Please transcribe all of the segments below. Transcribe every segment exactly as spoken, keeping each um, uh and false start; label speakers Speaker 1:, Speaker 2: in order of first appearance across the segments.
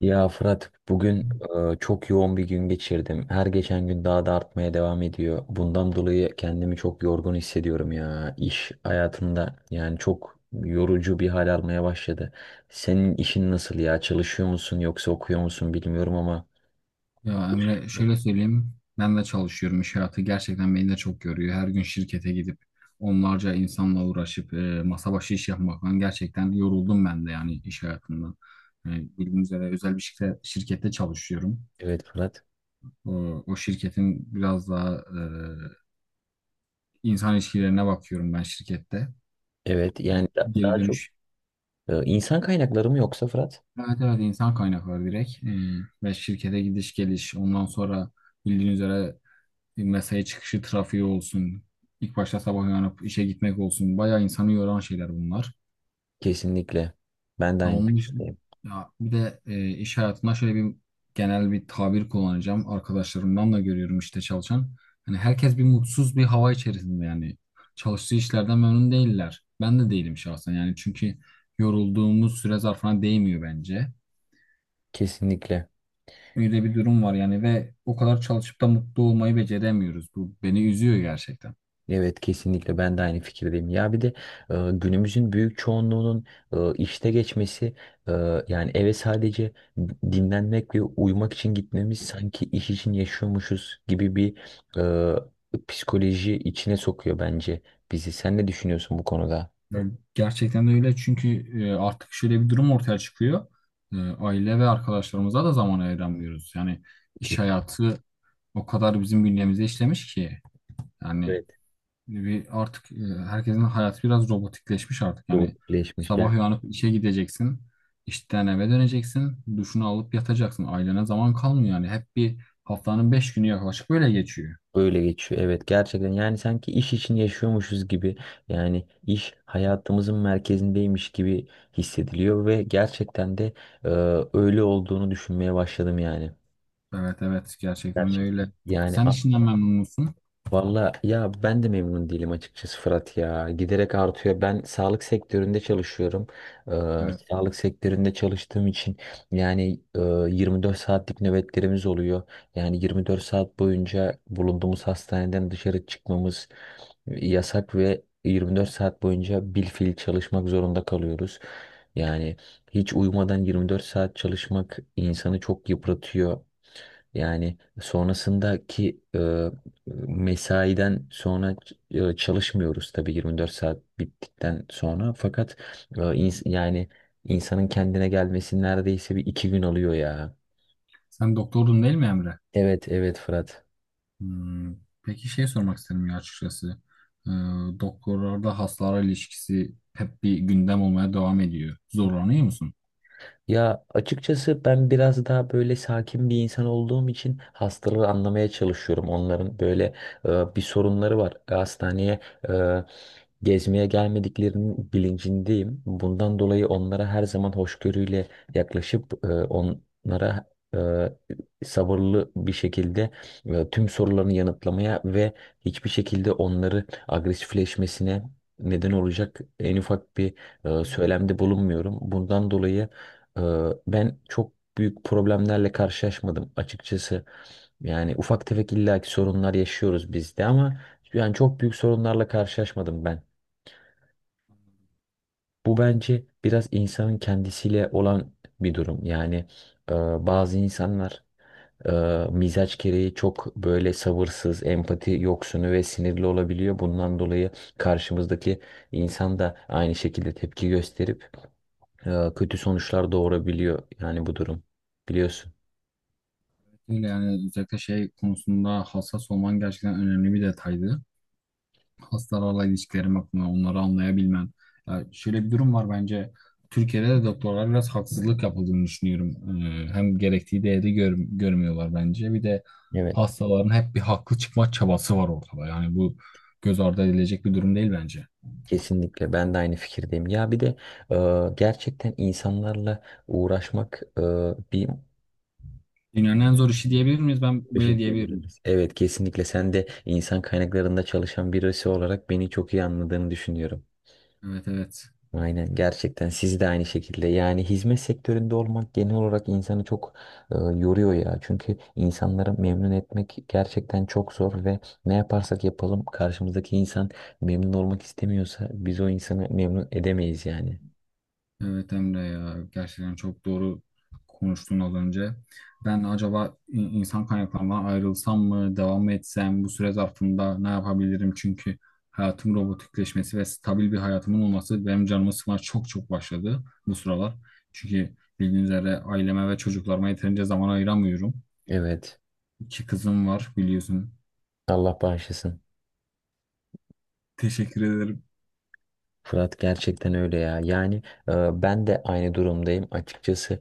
Speaker 1: Ya Fırat, bugün e, çok yoğun bir gün geçirdim. Her geçen gün daha da artmaya devam ediyor. Bundan dolayı kendimi çok yorgun hissediyorum ya. İş hayatımda yani çok yorucu bir hal almaya başladı. Senin işin nasıl ya? Çalışıyor musun yoksa okuyor musun bilmiyorum ama.
Speaker 2: Ya Emre şöyle söyleyeyim. Ben de çalışıyorum. İş hayatı gerçekten beni de çok yoruyor. Her gün şirkete gidip onlarca insanla uğraşıp e, masa başı iş yapmaktan gerçekten yoruldum ben de yani iş hayatından. E, Bildiğiniz üzere özel bir şirkette, şirkette çalışıyorum.
Speaker 1: Evet Fırat.
Speaker 2: O, o şirketin biraz daha e, insan ilişkilerine bakıyorum ben şirkette.
Speaker 1: Evet yani da-
Speaker 2: Geri
Speaker 1: daha çok
Speaker 2: dönüş.
Speaker 1: e, insan kaynakları mı yoksa Fırat?
Speaker 2: Evet, evet, insan kaynakları direkt. E, ve şirkete gidiş geliş. Ondan sonra bildiğiniz üzere mesai çıkışı trafiği olsun, ilk başta sabah uyanıp işe gitmek olsun. Bayağı insanı yoran şeyler bunlar.
Speaker 1: Kesinlikle. Ben de
Speaker 2: Ha,
Speaker 1: aynı
Speaker 2: onun dışında,
Speaker 1: fikirdeyim.
Speaker 2: ya bir de e, iş hayatında şöyle bir genel bir tabir kullanacağım. Arkadaşlarımdan da görüyorum işte çalışan. Hani herkes bir mutsuz bir hava içerisinde yani. Çalıştığı işlerden memnun değiller. Ben de değilim şahsen yani çünkü yorulduğumuz süre zarfına değmiyor bence.
Speaker 1: Kesinlikle.
Speaker 2: Öyle bir durum var yani ve o kadar çalışıp da mutlu olmayı beceremiyoruz. Bu beni üzüyor gerçekten.
Speaker 1: Evet, kesinlikle ben de aynı fikirdeyim. Ya bir de e, günümüzün büyük çoğunluğunun e, işte geçmesi, e, yani eve sadece dinlenmek ve uyumak için gitmemiz sanki iş için yaşıyormuşuz gibi bir e, psikoloji içine sokuyor bence bizi. Sen ne düşünüyorsun bu konuda?
Speaker 2: Ya gerçekten de öyle çünkü e, artık şöyle bir durum ortaya çıkıyor. E, Aile ve arkadaşlarımıza da zaman ayıramıyoruz. Yani iş
Speaker 1: Ki,
Speaker 2: hayatı o kadar bizim bünyemize işlemiş ki. Yani
Speaker 1: evet.
Speaker 2: bir artık e, herkesin hayatı biraz robotikleşmiş artık.
Speaker 1: Doğru,
Speaker 2: Yani
Speaker 1: birleşmiş.
Speaker 2: sabah uyanıp işe gideceksin, işten eve döneceksin, duşunu alıp yatacaksın. Ailene zaman kalmıyor yani. Hep bir haftanın beş günü yaklaşık böyle geçiyor.
Speaker 1: Öyle geçiyor, evet, gerçekten yani sanki iş için yaşıyormuşuz gibi, yani iş hayatımızın merkezindeymiş gibi hissediliyor ve gerçekten de e, öyle olduğunu düşünmeye başladım yani.
Speaker 2: Evet, evet, gerçekten de öyle.
Speaker 1: Gerçekten yani.
Speaker 2: Sen işinden memnun musun?
Speaker 1: Valla ya, ben de memnun değilim açıkçası Fırat ya. Giderek artıyor. Ben sağlık sektöründe çalışıyorum. Ee,
Speaker 2: Evet.
Speaker 1: Sağlık sektöründe çalıştığım için yani e, yirmi dört saatlik nöbetlerimiz oluyor. Yani yirmi dört saat boyunca bulunduğumuz hastaneden dışarı çıkmamız yasak ve yirmi dört saat boyunca bilfiil çalışmak zorunda kalıyoruz. Yani hiç uyumadan yirmi dört saat çalışmak insanı çok yıpratıyor. Yani sonrasındaki e, mesaiden sonra e, çalışmıyoruz tabii yirmi dört saat bittikten sonra. Fakat e, ins- yani insanın kendine gelmesi neredeyse bir iki gün alıyor ya.
Speaker 2: Sen doktordun değil mi Emre?
Speaker 1: Evet evet Fırat.
Speaker 2: Hmm. Peki şey sormak istedim ya açıkçası. Ee, Doktorlarda hastalara ilişkisi hep bir gündem olmaya devam ediyor. Zorlanıyor musun?
Speaker 1: Ya açıkçası ben biraz daha böyle sakin bir insan olduğum için hastaları anlamaya çalışıyorum. Onların böyle e, bir sorunları var. E, Hastaneye e, gezmeye gelmediklerinin bilincindeyim. Bundan dolayı onlara her zaman hoşgörüyle yaklaşıp e, onlara e, sabırlı bir şekilde e, tüm sorularını yanıtlamaya ve hiçbir şekilde onları agresifleşmesine neden olacak en ufak bir e, söylemde bulunmuyorum. Bundan dolayı ee, ben çok büyük problemlerle karşılaşmadım açıkçası. Yani ufak tefek illaki sorunlar yaşıyoruz biz de, ama yani çok büyük sorunlarla karşılaşmadım ben. Bu bence biraz insanın kendisiyle olan bir durum. Yani e, bazı insanlar e, mizaç gereği çok böyle sabırsız, empati yoksunu ve sinirli olabiliyor. Bundan dolayı karşımızdaki insan da aynı şekilde tepki gösterip e, kötü sonuçlar doğurabiliyor. Yani bu durum, biliyorsun.
Speaker 2: Öyle yani özellikle şey konusunda hassas olman gerçekten önemli bir detaydı. Hastalarla ilişkilerim hakkında onları anlayabilmen. Ya şöyle bir durum var bence. Türkiye'de de doktorlara biraz haksızlık yapıldığını düşünüyorum. Ee, hem gerektiği değeri gör- görmüyorlar bence. Bir de
Speaker 1: Evet,
Speaker 2: hastaların hep bir haklı çıkma çabası var ortada. Yani bu göz ardı edilecek bir durum değil bence.
Speaker 1: kesinlikle ben de aynı fikirdeyim. Ya bir de e, gerçekten insanlarla uğraşmak e, bir
Speaker 2: Dünyanın en zor işi diyebilir miyiz? Ben
Speaker 1: şey
Speaker 2: böyle diyebilirim.
Speaker 1: diyebiliriz. Evet, kesinlikle sen de insan kaynaklarında çalışan birisi olarak beni çok iyi anladığını düşünüyorum.
Speaker 2: Evet, evet.
Speaker 1: Aynen, gerçekten siz de aynı şekilde yani hizmet sektöründe olmak genel olarak insanı çok e, yoruyor ya. Çünkü insanları memnun etmek gerçekten çok zor ve ne yaparsak yapalım karşımızdaki insan memnun olmak istemiyorsa biz o insanı memnun edemeyiz yani.
Speaker 2: Evet Emre ya. Gerçekten çok doğru konuştun az önce. Ben acaba in- insan kaynaklarından ayrılsam mı? Devam mı etsem? Bu süre zarfında ne yapabilirim? Çünkü hayatım robotikleşmesi ve stabil bir hayatımın olması benim canımı sıkmaya çok çok başladı bu sıralar. Çünkü bildiğiniz üzere aileme ve çocuklarıma yeterince zaman ayıramıyorum.
Speaker 1: Evet.
Speaker 2: İki kızım var biliyorsun.
Speaker 1: Allah bağışlasın.
Speaker 2: Teşekkür ederim.
Speaker 1: Fırat, gerçekten öyle ya. Yani e, ben de aynı durumdayım açıkçası.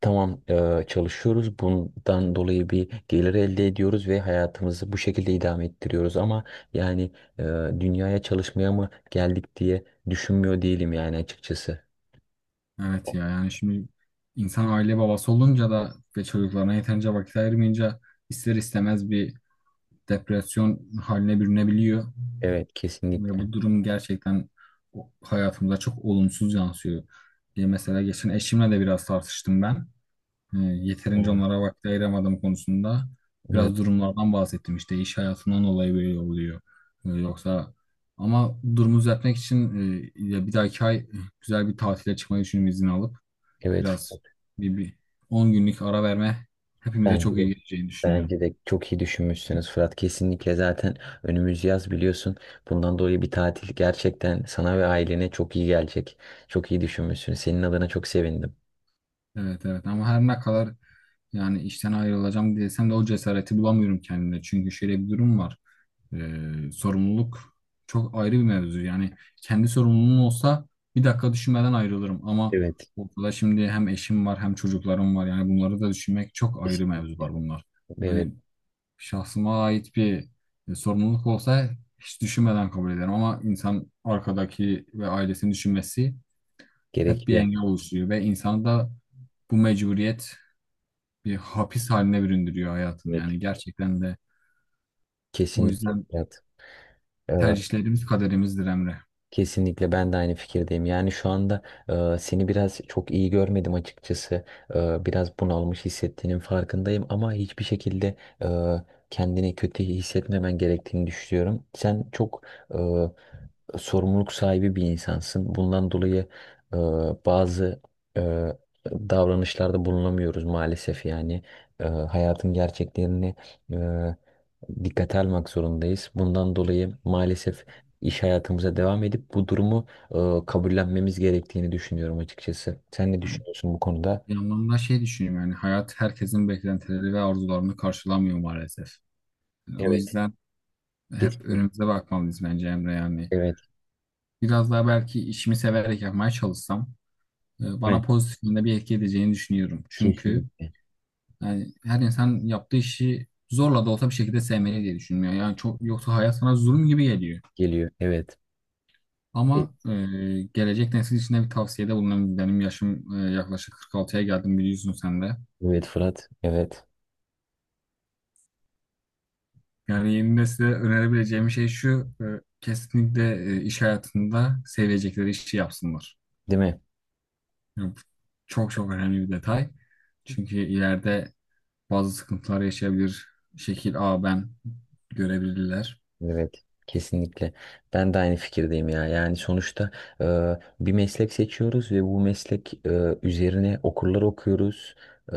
Speaker 1: Tamam, e, çalışıyoruz. Bundan dolayı bir gelir elde ediyoruz ve hayatımızı bu şekilde idame ettiriyoruz. Ama yani e, dünyaya çalışmaya mı geldik diye düşünmüyor değilim yani açıkçası.
Speaker 2: Evet ya yani şimdi insan aile babası olunca da ve çocuklarına yeterince vakit ayırmayınca ister istemez bir depresyon haline bürünebiliyor.
Speaker 1: Evet,
Speaker 2: Ve
Speaker 1: kesinlikle.
Speaker 2: bu durum gerçekten o- hayatımıza çok olumsuz yansıyor. Diye mesela geçen eşimle de biraz tartıştım ben. Ee, yeterince
Speaker 1: Aynen.
Speaker 2: onlara vakit ayıramadığım konusunda
Speaker 1: Evet,
Speaker 2: biraz durumlardan bahsettim. İşte iş hayatından dolayı böyle oluyor. Ee, yoksa ama durumu düzeltmek için e, ya bir dahaki ay e, güzel bir tatile çıkmayı düşünüyorum izin alıp
Speaker 1: evet Fırat.
Speaker 2: biraz bir, bir on günlük ara verme hepimize
Speaker 1: Bence
Speaker 2: çok iyi
Speaker 1: de
Speaker 2: geleceğini düşünüyorum.
Speaker 1: Bence de çok iyi düşünmüşsünüz Fırat. Kesinlikle zaten önümüz yaz, biliyorsun. Bundan dolayı bir tatil gerçekten sana ve ailene çok iyi gelecek. Çok iyi düşünmüşsünüz. Senin adına çok sevindim.
Speaker 2: Evet, evet, ama her ne kadar yani işten ayrılacağım desem de o cesareti bulamıyorum kendimde. Çünkü şöyle bir durum var. Ee, sorumluluk çok ayrı bir mevzu. Yani kendi sorumluluğum olsa bir dakika düşünmeden ayrılırım ama
Speaker 1: Evet.
Speaker 2: ortada şimdi hem eşim var hem çocuklarım var. Yani bunları da düşünmek çok ayrı
Speaker 1: Kesinlikle.
Speaker 2: mevzular bunlar.
Speaker 1: Evet,
Speaker 2: Hani şahsıma ait bir e, sorumluluk olsa hiç düşünmeden kabul ederim ama insan arkadaki ve ailesini düşünmesi hep bir
Speaker 1: gerekiyor.
Speaker 2: engel oluşturuyor ve insanı da bu mecburiyet bir hapis haline büründürüyor hayatını
Speaker 1: Evet,
Speaker 2: yani gerçekten de o
Speaker 1: kesinlikle
Speaker 2: yüzden
Speaker 1: Fırat. Ee,
Speaker 2: tercihlerimiz kaderimizdir Emre.
Speaker 1: Kesinlikle ben de aynı fikirdeyim. Yani şu anda e, seni biraz çok iyi görmedim açıkçası. E, biraz bunalmış hissettiğinin farkındayım, ama hiçbir şekilde e, kendini kötü hissetmemen gerektiğini düşünüyorum. Sen çok e, sorumluluk sahibi bir insansın. Bundan dolayı e, bazı e, davranışlarda bulunamıyoruz maalesef yani. E, hayatın gerçeklerini e, dikkate almak zorundayız. Bundan dolayı maalesef iş hayatımıza devam edip bu durumu e, kabullenmemiz gerektiğini düşünüyorum açıkçası. Sen ne
Speaker 2: Yani
Speaker 1: düşünüyorsun bu konuda?
Speaker 2: bir anlamda şey düşünüyorum yani hayat herkesin beklentileri ve arzularını karşılamıyor maalesef. Yani o
Speaker 1: Evet,
Speaker 2: yüzden hep
Speaker 1: kesinlikle.
Speaker 2: önümüze bakmalıyız bence Emre yani.
Speaker 1: Evet,
Speaker 2: Biraz daha belki işimi severek yapmaya çalışsam e,
Speaker 1: değil
Speaker 2: bana
Speaker 1: mi?
Speaker 2: pozitif yönde bir etki edeceğini düşünüyorum. Çünkü
Speaker 1: Kesinlikle
Speaker 2: yani her insan yaptığı işi zorla da olsa bir şekilde sevmeli diye düşünmüyor. Yani çok yoksa hayat sana zulüm gibi geliyor.
Speaker 1: geliyor. Evet. E-
Speaker 2: Ama e, gelecek nesil için de bir tavsiyede bulunayım. Benim yaşım e, yaklaşık kırk altıya geldim biliyorsun sen de.
Speaker 1: evet Fırat. Evet,
Speaker 2: Yani yeni nesile önerebileceğim şey şu, e, kesinlikle e, iş hayatında sevecekleri işi yapsınlar.
Speaker 1: değil mi?
Speaker 2: Yani bu çok çok önemli bir detay. Çünkü ileride bazı sıkıntılar yaşayabilir. Şekil A ben görebilirler.
Speaker 1: Evet, kesinlikle. Ben de aynı fikirdeyim ya. Yani sonuçta e, bir meslek seçiyoruz ve bu meslek e, üzerine okurlar okuyoruz. E,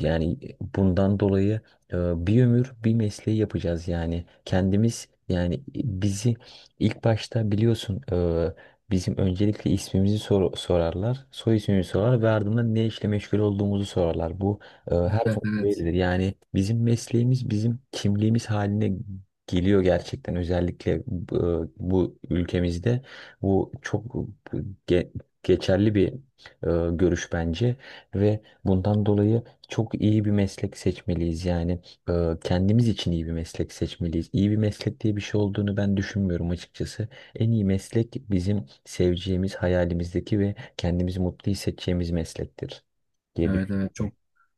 Speaker 1: yani bundan dolayı e, bir ömür bir mesleği yapacağız yani. Kendimiz, yani bizi ilk başta biliyorsun e, bizim öncelikle ismimizi sor- sorarlar, soy ismimizi sorarlar ve ardından ne işle meşgul olduğumuzu sorarlar. Bu ee, her
Speaker 2: Evet,
Speaker 1: zaman
Speaker 2: evet.
Speaker 1: böyledir. Yani bizim mesleğimiz bizim kimliğimiz haline geliyor gerçekten. Özellikle bu, bu ülkemizde bu çok ge- geçerli bir e, görüş bence ve bundan dolayı çok iyi bir meslek seçmeliyiz. Yani e, kendimiz için iyi bir meslek seçmeliyiz. İyi bir meslek diye bir şey olduğunu ben düşünmüyorum açıkçası. En iyi meslek bizim seveceğimiz, hayalimizdeki ve kendimizi mutlu hissedeceğimiz meslektir diye
Speaker 2: Evet, evet,
Speaker 1: düşünüyorum.
Speaker 2: çok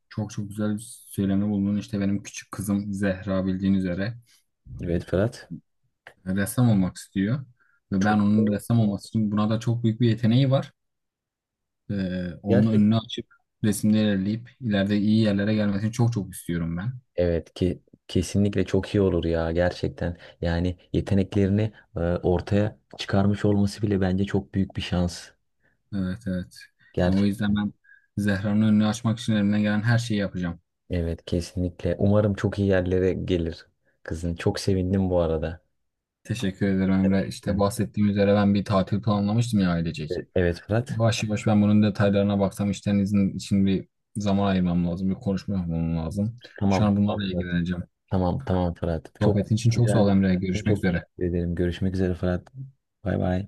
Speaker 2: çok çok güzel bir söylemde bulundun. İşte benim küçük kızım Zehra bildiğin üzere
Speaker 1: Evet Ferhat.
Speaker 2: e, ressam olmak istiyor. Ve ben
Speaker 1: Çok
Speaker 2: onun
Speaker 1: doğru,
Speaker 2: ressam olması için buna da çok büyük bir yeteneği var. Ee, onun önünü
Speaker 1: gerçekten.
Speaker 2: açıp resimde ilerleyip ileride iyi yerlere gelmesini çok çok istiyorum ben.
Speaker 1: Evet ki kesinlikle çok iyi olur ya gerçekten. Yani yeteneklerini e, ortaya çıkarmış olması bile bence çok büyük bir şans.
Speaker 2: Evet, evet. Yani o yüzden
Speaker 1: Gerçekten.
Speaker 2: ben Zehra'nın önünü açmak için elimden gelen her şeyi yapacağım.
Speaker 1: Evet, kesinlikle. Umarım çok iyi yerlere gelir kızın. Çok sevindim bu arada.
Speaker 2: Teşekkür ederim Emre. İşte
Speaker 1: Gerçekten.
Speaker 2: bahsettiğim üzere ben bir tatil planlamıştım ya ailecek.
Speaker 1: Evet evet, Fırat.
Speaker 2: Yavaş yavaş ben bunun detaylarına baksam işten izin için bir zaman ayırmam lazım. Bir konuşma yapmam lazım. Şu
Speaker 1: Tamam.
Speaker 2: an
Speaker 1: Tamam
Speaker 2: bunlarla
Speaker 1: Fırat.
Speaker 2: ilgileneceğim.
Speaker 1: Tamam tamam Fırat. Çok
Speaker 2: Sohbetin için çok sağ
Speaker 1: güzel.
Speaker 2: ol Emre. Görüşmek
Speaker 1: Çok
Speaker 2: üzere.
Speaker 1: teşekkür ederim. Görüşmek üzere Fırat. Bay bay.